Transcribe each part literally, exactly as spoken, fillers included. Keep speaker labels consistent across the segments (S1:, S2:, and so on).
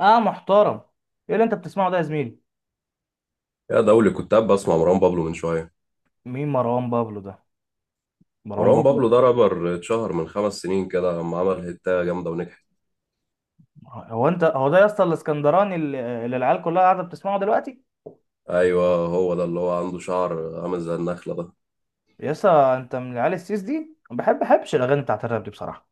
S1: اه، محترم. ايه اللي انت بتسمعه ده يا زميلي؟
S2: يا ده أول كنت قاعد بسمع مروان بابلو من شوية.
S1: مين مروان بابلو ده؟ مروان
S2: مروان
S1: بابلو.
S2: بابلو ده رابر اتشهر من خمس سنين كده لما عمل هيتة جامدة ونجحت.
S1: هو انت هو ده يا اسطى الاسكندراني اللي اللي العيال كلها قاعده بتسمعه دلوقتي؟
S2: أيوة، هو ده اللي هو عنده شعر عامل زي النخلة ده.
S1: يا اسطى، انت من العيال السيس دي. ما بحب بحبش الاغاني بتاعت الراب دي بصراحه،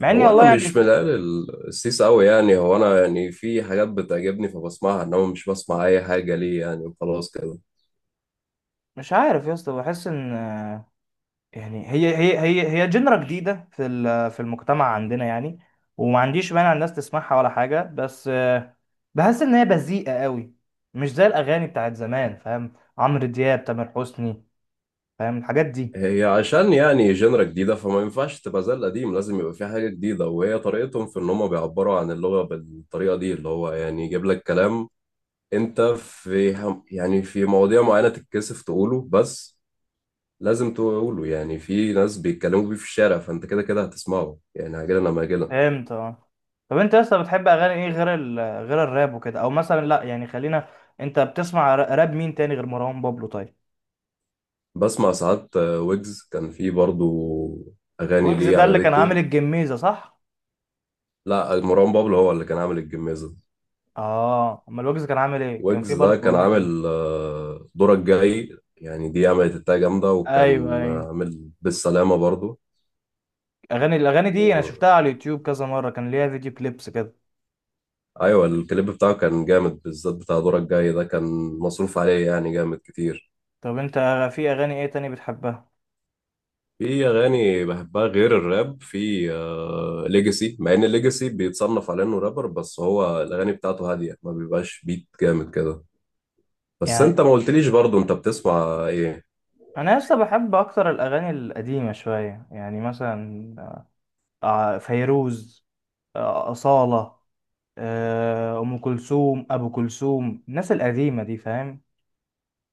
S1: مع اني
S2: هو أنا
S1: والله يعني
S2: مش من العيال ال- السيس أوي، يعني هو أنا يعني في حاجات بتعجبني فبسمعها، إنما مش بسمع أي حاجة ليه يعني وخلاص كده.
S1: مش عارف يا اسطى. بحس ان آه، يعني هي هي هي هي جنرا جديده في ال- في المجتمع عندنا يعني. وما عنديش مانع الناس تسمعها ولا حاجه، بس آه، بحس ان هي بذيئه قوي. مش زي الاغاني بتاعت زمان، فاهم؟ عمرو دياب، تامر حسني، فاهم الحاجات دي.
S2: هي عشان يعني جنرا جديدة، فما ينفعش تبقى زي القديم، لازم يبقى في حاجة جديدة، وهي طريقتهم في إن هما بيعبروا عن اللغة بالطريقة دي اللي هو يعني يجيب لك كلام انت في هم- يعني في مواضيع معينة تتكسف تقوله، بس لازم تقوله، يعني في ناس بيتكلموا بيه في الشارع، فانت كده كده هتسمعه يعني عاجلا لما عاجلا.
S1: فهمت. اه، طب انت لسه بتحب اغاني ايه غير ال... غير الراب وكده؟ او مثلا لا يعني، خلينا. انت بتسمع ر- راب مين تاني غير مروان بابلو؟ طيب،
S2: بسمع ساعات آه، ويجز كان في برضو اغاني
S1: ويجز
S2: ليه
S1: ده اللي كان
S2: عجبتني.
S1: عامل الجميزه، صح؟
S2: لا، مروان بابلو هو اللي كان عامل الجميزة.
S1: اه، امال ويجز كان عامل ايه؟ كان
S2: ويجز
S1: في
S2: ده
S1: برضه
S2: كان
S1: هناك، انا.
S2: عامل آه، دورك جاي، يعني دي عملت التاج جامدة،
S1: ايوه
S2: وكان
S1: ايوه،
S2: عامل بالسلامة برضو.
S1: اغاني الاغاني دي انا
S2: و...
S1: شفتها على اليوتيوب كذا مره. كان ليها فيديو كليبس كده.
S2: ايوه الكليب بتاعه كان جامد، بالذات بتاع دورك جاي ده، كان مصروف عليه يعني جامد كتير.
S1: طب انت في اغاني ايه تاني بتحبها؟
S2: في اغاني بحبها غير الراب، في آه ليجاسي، مع ان ليجاسي بيتصنف على انه رابر، بس هو الاغاني بتاعته هاديه، ما بيبقاش بيت جامد كده. بس
S1: يعني
S2: انت ما قلتليش برضو انت بتسمع ايه؟
S1: انا لسه بحب اكتر الاغاني القديمه شويه، يعني مثلا آه، فيروز، آه، أصالة، آه، ام كلثوم، ابو كلثوم، الناس القديمه دي، فاهم.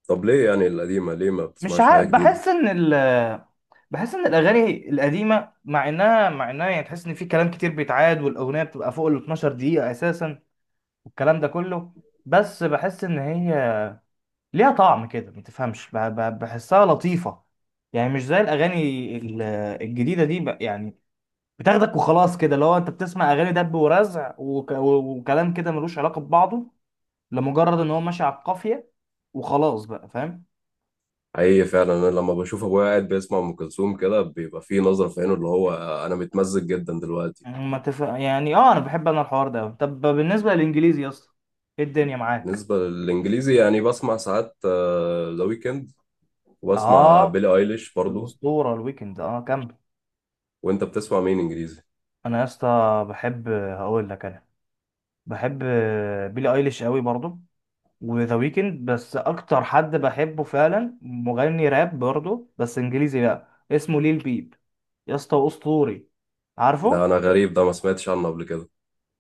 S2: طب ليه يعني القديمه، ليه ما
S1: مش
S2: بتسمعش حاجه
S1: عارف،
S2: جديده؟
S1: بحس ان ال بحس ان الاغاني القديمه، مع انها مع انها يعني تحس ان في كلام كتير بيتعاد والاغنيه بتبقى فوق ال اثنا عشر دقيقه اساسا، والكلام ده كله، بس بحس ان هي ليها طعم كده، ما تفهمش. ب- ب- بحسها لطيفه. يعني مش زي الاغاني ال- الجديده دي، ب- يعني بتاخدك وخلاص كده. اللي هو انت بتسمع اغاني دب ورزع وك- وكلام كده ملوش علاقه ببعضه، لمجرد ان هو ماشي على القافيه وخلاص بقى، فاهم.
S2: حقيقي فعلا انا لما بشوف ابويا قاعد بيسمع ام كلثوم كده، بيبقى في نظره في عينه اللي هو انا متمزج جدا دلوقتي.
S1: يعني ما تف... يعني اه، انا بحب، انا الحوار ده أوي. طب بالنسبه للانجليزي يا اسطى، ايه الدنيا معاك؟
S2: بالنسبه للانجليزي يعني بسمع ساعات ذا ويكند، وبسمع
S1: اه،
S2: بيلي ايليش برضو.
S1: الاسطوره الويكند. اه، كمل.
S2: وانت بتسمع مين انجليزي؟
S1: انا يا اسطى بحب، هقول لك، انا بحب بيلي ايليش قوي برضو، وذا ويكند. بس اكتر حد بحبه فعلا مغني راب برضو بس انجليزي، بقى اسمه ليل بيب يا اسطى، اسطوري،
S2: ده
S1: عارفه؟
S2: انا غريب ده، ما سمعتش عنه قبل كده.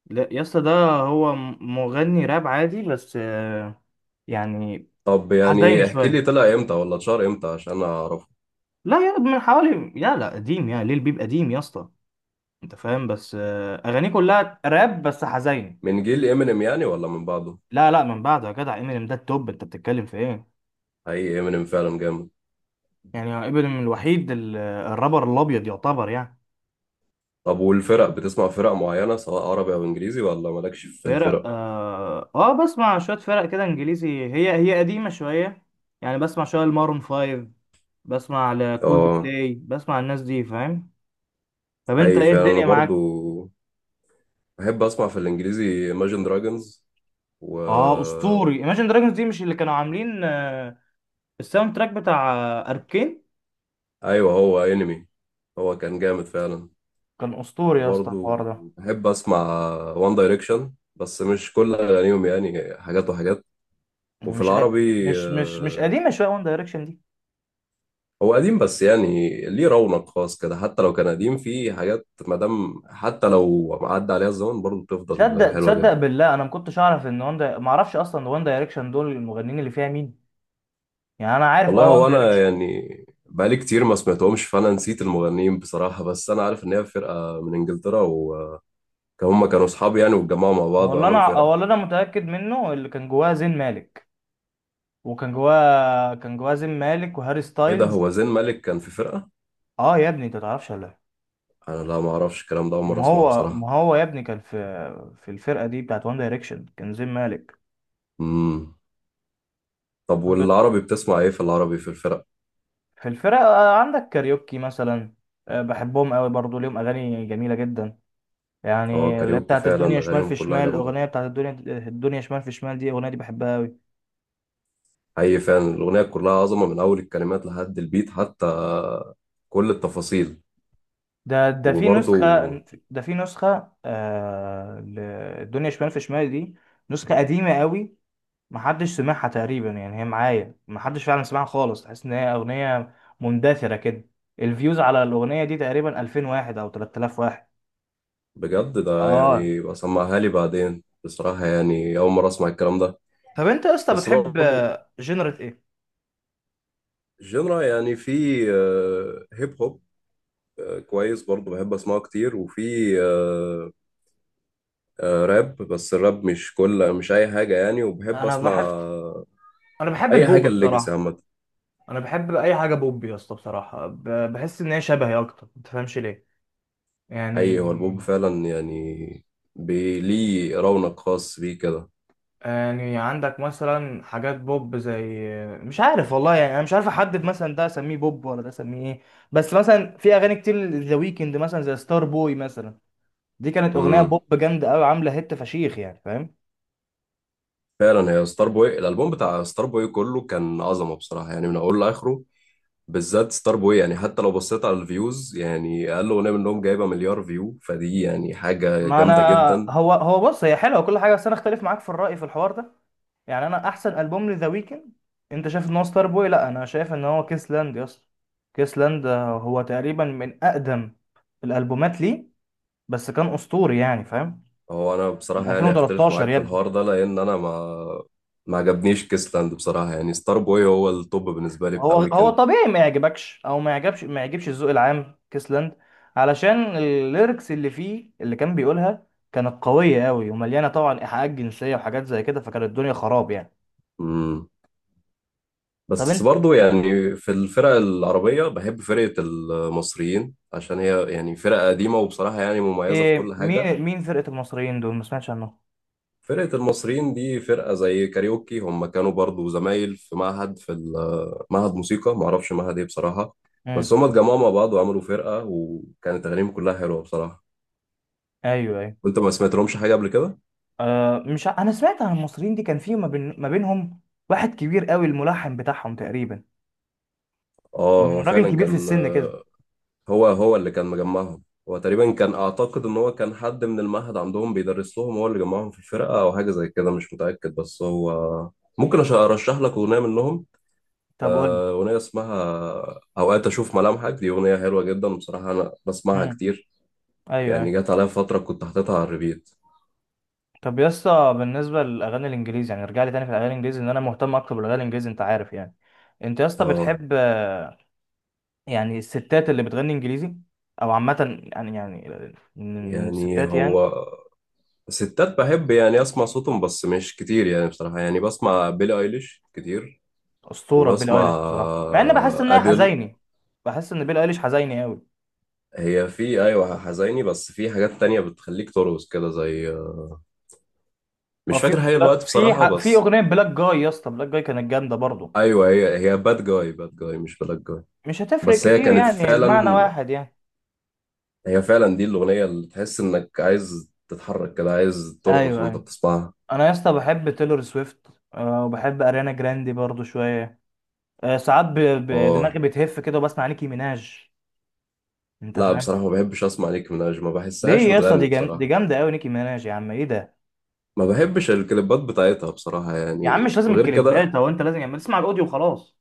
S1: لا يا اسطى، ده هو م- مغني راب عادي بس، يعني
S2: طب يعني
S1: حزيني
S2: احكي
S1: شويه.
S2: لي طلع امتى ولا اتشهر امتى عشان اعرفه.
S1: لا، يا من حوالي يا لا قديم، يا ليل بيب قديم يا اسطى، انت فاهم. بس آه، اغانيه كلها راب بس حزين.
S2: من جيل امينيم يعني ولا من بعده؟
S1: لا لا، من بعده يا جدع. امينيم ده التوب، انت بتتكلم في ايه؟
S2: حقيقي امينيم فعلا جامد.
S1: يعني امينيم الوحيد ال- الرابر الابيض يعتبر يعني.
S2: طب والفرق، بتسمع فرق معينة سواء عربي او انجليزي، ولا مالكش في الفرق؟
S1: فرق؟ اه، آه بسمع شويه فرق كده انجليزي. هي هي قديمه شويه يعني. بسمع شويه المارون فايف، بسمع لكولد
S2: اه،
S1: بلاي، بسمع الناس دي، فاهم. طب انت
S2: اي
S1: ايه
S2: فعلا انا
S1: الدنيا معاك؟
S2: برضو بحب اسمع في الانجليزي Imagine Dragons و
S1: اه اسطوري، Imagine Dragons دي مش اللي كانوا عاملين آه، الساوند تراك بتاع اركين؟
S2: ايوه، هو انمي، هو كان جامد فعلا.
S1: كان اسطوري يا اسطى
S2: وبرضو
S1: الحوار ده.
S2: بحب اسمع وان دايركشن، بس مش كل اغانيهم يعني، حاجات وحاجات. وفي
S1: مش قا-
S2: العربي
S1: مش مش مش
S2: آه،
S1: قديمه شويه وان دايركشن دي؟
S2: هو قديم، بس يعني ليه رونق خاص كده. حتى لو كان قديم، فيه حاجات، مادام حتى لو عدى عليها الزمن برضه بتفضل
S1: تصدق،
S2: حلوة
S1: تصدق
S2: جدا.
S1: بالله انا ما كنتش اعرف ان وان دا... ما اعرفش اصلا وان دايركشن دول المغنيين اللي فيها مين. يعني انا عارف
S2: والله
S1: اه وان
S2: هو أنا
S1: دايركشن.
S2: يعني بقالي كتير ما سمعتهمش، فأنا نسيت المغنيين بصراحة بس أنا عارف إن هي فرقة من إنجلترا، وهم كانوا أصحاب يعني، واتجمعوا مع
S1: هو
S2: بعض
S1: اللي انا
S2: وعملوا فرقة.
S1: هو اللي انا متاكد منه اللي كان جواه زين مالك. وكان جواه كان جواه زين مالك وهاري
S2: إيه ده، هو
S1: ستايلز.
S2: زين مالك كان في فرقة؟
S1: اه يا ابني، انت تعرفش ولا إيه؟
S2: أنا لا، ما أعرفش الكلام ده، أول مرة
S1: ما
S2: أسمعه
S1: هو،
S2: بصراحة.
S1: ما هو يا ابني كان في في الفرقه دي بتاعت وان دايركشن كان زين مالك.
S2: مم. طب والعربي بتسمع إيه في العربي، في الفرق؟
S1: في الفرق، آه، عندك كاريوكي مثلا. آه، بحبهم قوي برضو، ليهم اغاني جميله جدا.
S2: هو
S1: يعني اللي هي
S2: كاريوكي
S1: بتاعت الدنيا
S2: فعلا
S1: شمال
S2: أغانيهم
S1: في
S2: كلها
S1: شمال،
S2: جامدة.
S1: الاغنيه بتاعت الدنيا. الدنيا شمال في شمال دي الاغنيه دي بحبها قوي.
S2: حقيقي فعلا الأغنية كلها عظمة، من أول الكلمات لحد البيت، حتى كل التفاصيل.
S1: ده ده في
S2: وبرضه
S1: نسخه، ده في نسخه آه ل- الدنيا شمال في شمال دي، نسخه قديمه قوي. محدش سمعها تقريبا يعني، هي معايا، محدش فعلا سمعها خالص. تحس ان هي اغنيه مندثره كده. الفيوز على الاغنيه دي تقريبا ألفين واحد او تلات آلاف واحد.
S2: بجد ده
S1: اه.
S2: يعني بسمعها لي بعدين بصراحة، يعني أول مرة أسمع الكلام ده.
S1: طب انت يا اسطى
S2: بس
S1: بتحب
S2: برضه
S1: جنرة ايه؟
S2: جنرا يعني في آه، هيب هوب آه، كويس برضه بحب أسمعه كتير، وفي آه، آه، راب، بس الراب مش كل مش أي حاجة يعني. وبحب
S1: انا
S2: أسمع
S1: بحب، انا بحب
S2: أي
S1: البوب
S2: حاجة الليجاسي
S1: بصراحه.
S2: عامة.
S1: انا بحب اي حاجه بوب يا اسطى بصراحه، ب... بحس ان هي شبهي اكتر، ما تفهمش ليه، يعني.
S2: أي، هو البوب فعلا يعني بي- ليه رونق خاص بيه كده.
S1: يعني عندك مثلا حاجات بوب زي، مش عارف والله، يعني انا مش عارف احدد مثلا ده اسميه بوب ولا ده اسميه ايه. بس مثلا في اغاني كتير ذا ويكند، مثلا زي ستار بوي مثلا، دي كانت اغنيه
S2: مم.
S1: بوب جامده قوي، عامله هيت فشيخ يعني، فاهم.
S2: فعلا هي ستار بوي، الالبوم بتاع ستار بوي كله كان عظمه بصراحه، يعني من اوله لاخره. بالذات ستار بوي يعني، حتى لو بصيت على الفيوز، يعني اقل اغنيه منهم جايبه مليار فيو، فدي يعني حاجه
S1: ما انا،
S2: جامده جدا.
S1: هو هو بص، هي حلوه وكل حاجه، بس انا اختلف معاك في الراي في الحوار ده. يعني انا احسن البوم لذا ويكند، انت شايف ان هو ستار بوي؟ لا، انا شايف ان هو كيس لاند يا اسطى. كيس لاند هو تقريبا من اقدم الالبومات ليه، بس كان اسطوري يعني، فاهم.
S2: هو انا
S1: من
S2: بصراحه يعني اختلف
S1: ألفين وتلتاشر
S2: معاك في
S1: يبدو.
S2: الحوار ده، لان انا ما ما عجبنيش كيسلاند بصراحه، يعني ستار بوي هو التوب بالنسبه لي
S1: هو
S2: بتاع
S1: هو
S2: ويكند.
S1: طبيعي ما يعجبكش، او ما يعجبش، ما يعجبش الذوق العام كيس لاند، علشان الليركس اللي فيه اللي كان بيقولها كانت قويه قوي ومليانه طبعا ايحاءات جنسيه وحاجات زي كده، فكانت الدنيا خراب يعني.
S2: امم،
S1: طب
S2: بس برضو يعني في الفرق العربيه بحب فرقه المصريين، عشان هي يعني فرقه قديمه، وبصراحه يعني مميزه في كل
S1: إيه،
S2: حاجه.
S1: مين مين فرقة المصريين دول؟ ما سمعتش عنهم.
S2: فرقة المصريين دي فرقة زي كاريوكي، هم كانوا برضو زمايل في معهد، في ال- معهد موسيقى، معرفش معهد ايه بصراحة،
S1: امم،
S2: بس هم اتجمعوا مع بعض وعملوا فرقة، وكانت أغانيهم كلها حلوة بصراحة.
S1: ايوه ايوه.
S2: وانت ما سمعت لهمش حاجة قبل كده؟
S1: آه، مش ع- انا سمعت عن المصريين دي. كان في، ما, بين... ما بينهم واحد كبير قوي، الملحن بتاعهم تقريبا.
S2: اه،
S1: مم،
S2: هو
S1: راجل
S2: فعلا
S1: كبير في
S2: كان،
S1: السن كده.
S2: هو هو اللي كان مجمعهم. هو تقريبا كان، أعتقد إن هو كان حد من المعهد عندهم بيدرس لهم، هو اللي جمعهم في الفرقة أو حاجة زي كده، مش متأكد. بس هو ممكن أش- أرشح لك أغنية منهم.
S1: طب قول لي.
S2: آه، أغنية اسمها أوقات أشوف ملامحك، دي أغنية حلوة جدا بصراحة، أنا بسمعها
S1: امم.
S2: كتير،
S1: ايوه
S2: يعني
S1: ايوه.
S2: جت عليا فترة كنت حاططها على الريبيت.
S1: طب يا اسطى، بالنسبة للأغاني الإنجليزي، يعني ارجع لي تاني في الأغاني الإنجليزي، إن أنا مهتم أكتر بالأغاني الإنجليزي، أنت عارف يعني. أنت يا اسطى
S2: اه،
S1: بتحب آه، يعني الستات اللي بتغني إنجليزي أو عامة يعني، يعني من من
S2: يعني
S1: الستات يعني.
S2: هو ستات بحب يعني أسمع صوتهم، بس مش كتير يعني بصراحة، يعني بسمع بيلي أيليش كتير،
S1: اسطوره
S2: وبسمع
S1: بيلي ايليش بصراحه، مع ان بحس
S2: آه،
S1: ان هي
S2: أديل.
S1: حزيني. بحس ان بيلي ايليش حزيني قوي.
S2: هي في أيوة حزيني، بس في حاجات تانية بتخليك ترقص كده، زي
S1: هو
S2: مش
S1: في،
S2: فاكر هي
S1: لا،
S2: الوقت
S1: في
S2: بصراحة.
S1: ح- في
S2: بس
S1: اغنيه بلاك جاي يا اسطى، بلاك جاي كانت جامده برضه.
S2: أيوة، هي هي باد جاي، باد جاي مش بلاك جاي.
S1: مش هتفرق
S2: بس هي
S1: كتير
S2: كانت
S1: يعني، المعنى
S2: فعلا،
S1: واحد يعني.
S2: هي فعلا دي الأغنية اللي تحس إنك عايز تتحرك كده، عايز ترقص
S1: ايوه
S2: وأنت
S1: ايوه.
S2: بتسمعها.
S1: انا يا اسطى بحب تايلور سويفت، آه، وبحب اريانا جراندي برضه شويه. آه، ساعات ب- ب- دماغي
S2: آه،
S1: بتهف كده وبسمع نيكي ميناج، انت
S2: لا
S1: فاهم.
S2: بصراحة ما بحبش أسمع نيكي ميناج، ما بحسهاش
S1: ليه يا اسطى؟
S2: بتغني
S1: دي جام... دي
S2: بصراحة.
S1: جامده قوي نيكي ميناج، يا عم ايه ده!
S2: ما بحبش الكليبات بتاعتها بصراحة
S1: يا عم،
S2: يعني،
S1: مش لازم
S2: وغير كده
S1: الكليبات، هو انت لازم يعني اسمع الاوديو وخلاص.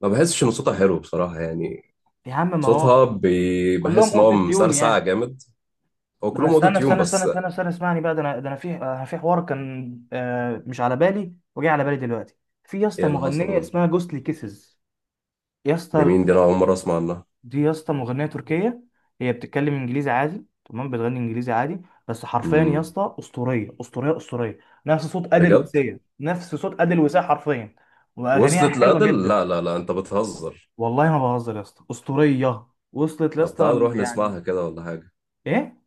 S2: ما بحسش إن صوتها حلو بصراحة يعني،
S1: يا عم ما
S2: صوتها
S1: هو
S2: بي...
S1: كلهم
S2: بحس إن هو
S1: اوتو تيون
S2: مسرسع
S1: يعني.
S2: جامد. هو
S1: ده انا،
S2: كلهم أوتو
S1: استنى
S2: تيون
S1: استنى استنى
S2: بس.
S1: استنى استنى اسمعني بقى. ده انا، ده انا في، أنا في حوار كان آه، مش على بالي وجاي على بالي دلوقتي. في يا
S2: إيه
S1: اسطى
S2: اللي حصل،
S1: مغنيه
S2: قول.
S1: اسمها جوستلي كيسز. يا
S2: دي
S1: اسطى،
S2: مين دي، أنا أول مرة أسمع عنها.
S1: دي يا اسطى مغنيه تركيه. هي بتتكلم انجليزي عادي تمام، بتغني انجليزي عادي، بس حرفيا يا
S2: أمم،
S1: اسطى اسطوريه، اسطوريه، اسطوريه. نفس صوت ادل
S2: بجد؟
S1: وسيه، نفس صوت ادل وسيه حرفيا. واغانيها
S2: وصلت
S1: حلوه
S2: لأدل؟
S1: جدا.
S2: لا لا لا، أنت بتهزر.
S1: والله ما بهزر يا اسطى، اسطوريه. وصلت يا
S2: طب
S1: اسطى
S2: تعال نروح
S1: ال- يعني.
S2: نسمعها كده ولا حاجة.
S1: ايه،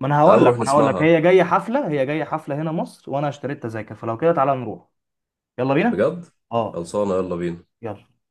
S1: ما انا
S2: تعال
S1: هقول لك
S2: نروح
S1: ما انا هقول لك،
S2: نسمعها
S1: هي جايه حفله، هي جايه حفله هنا مصر وانا اشتريت تذاكر، فلو كده تعالى نروح. يلا بينا.
S2: بجد.
S1: اه،
S2: خلصانه، يلا بينا.
S1: يلا.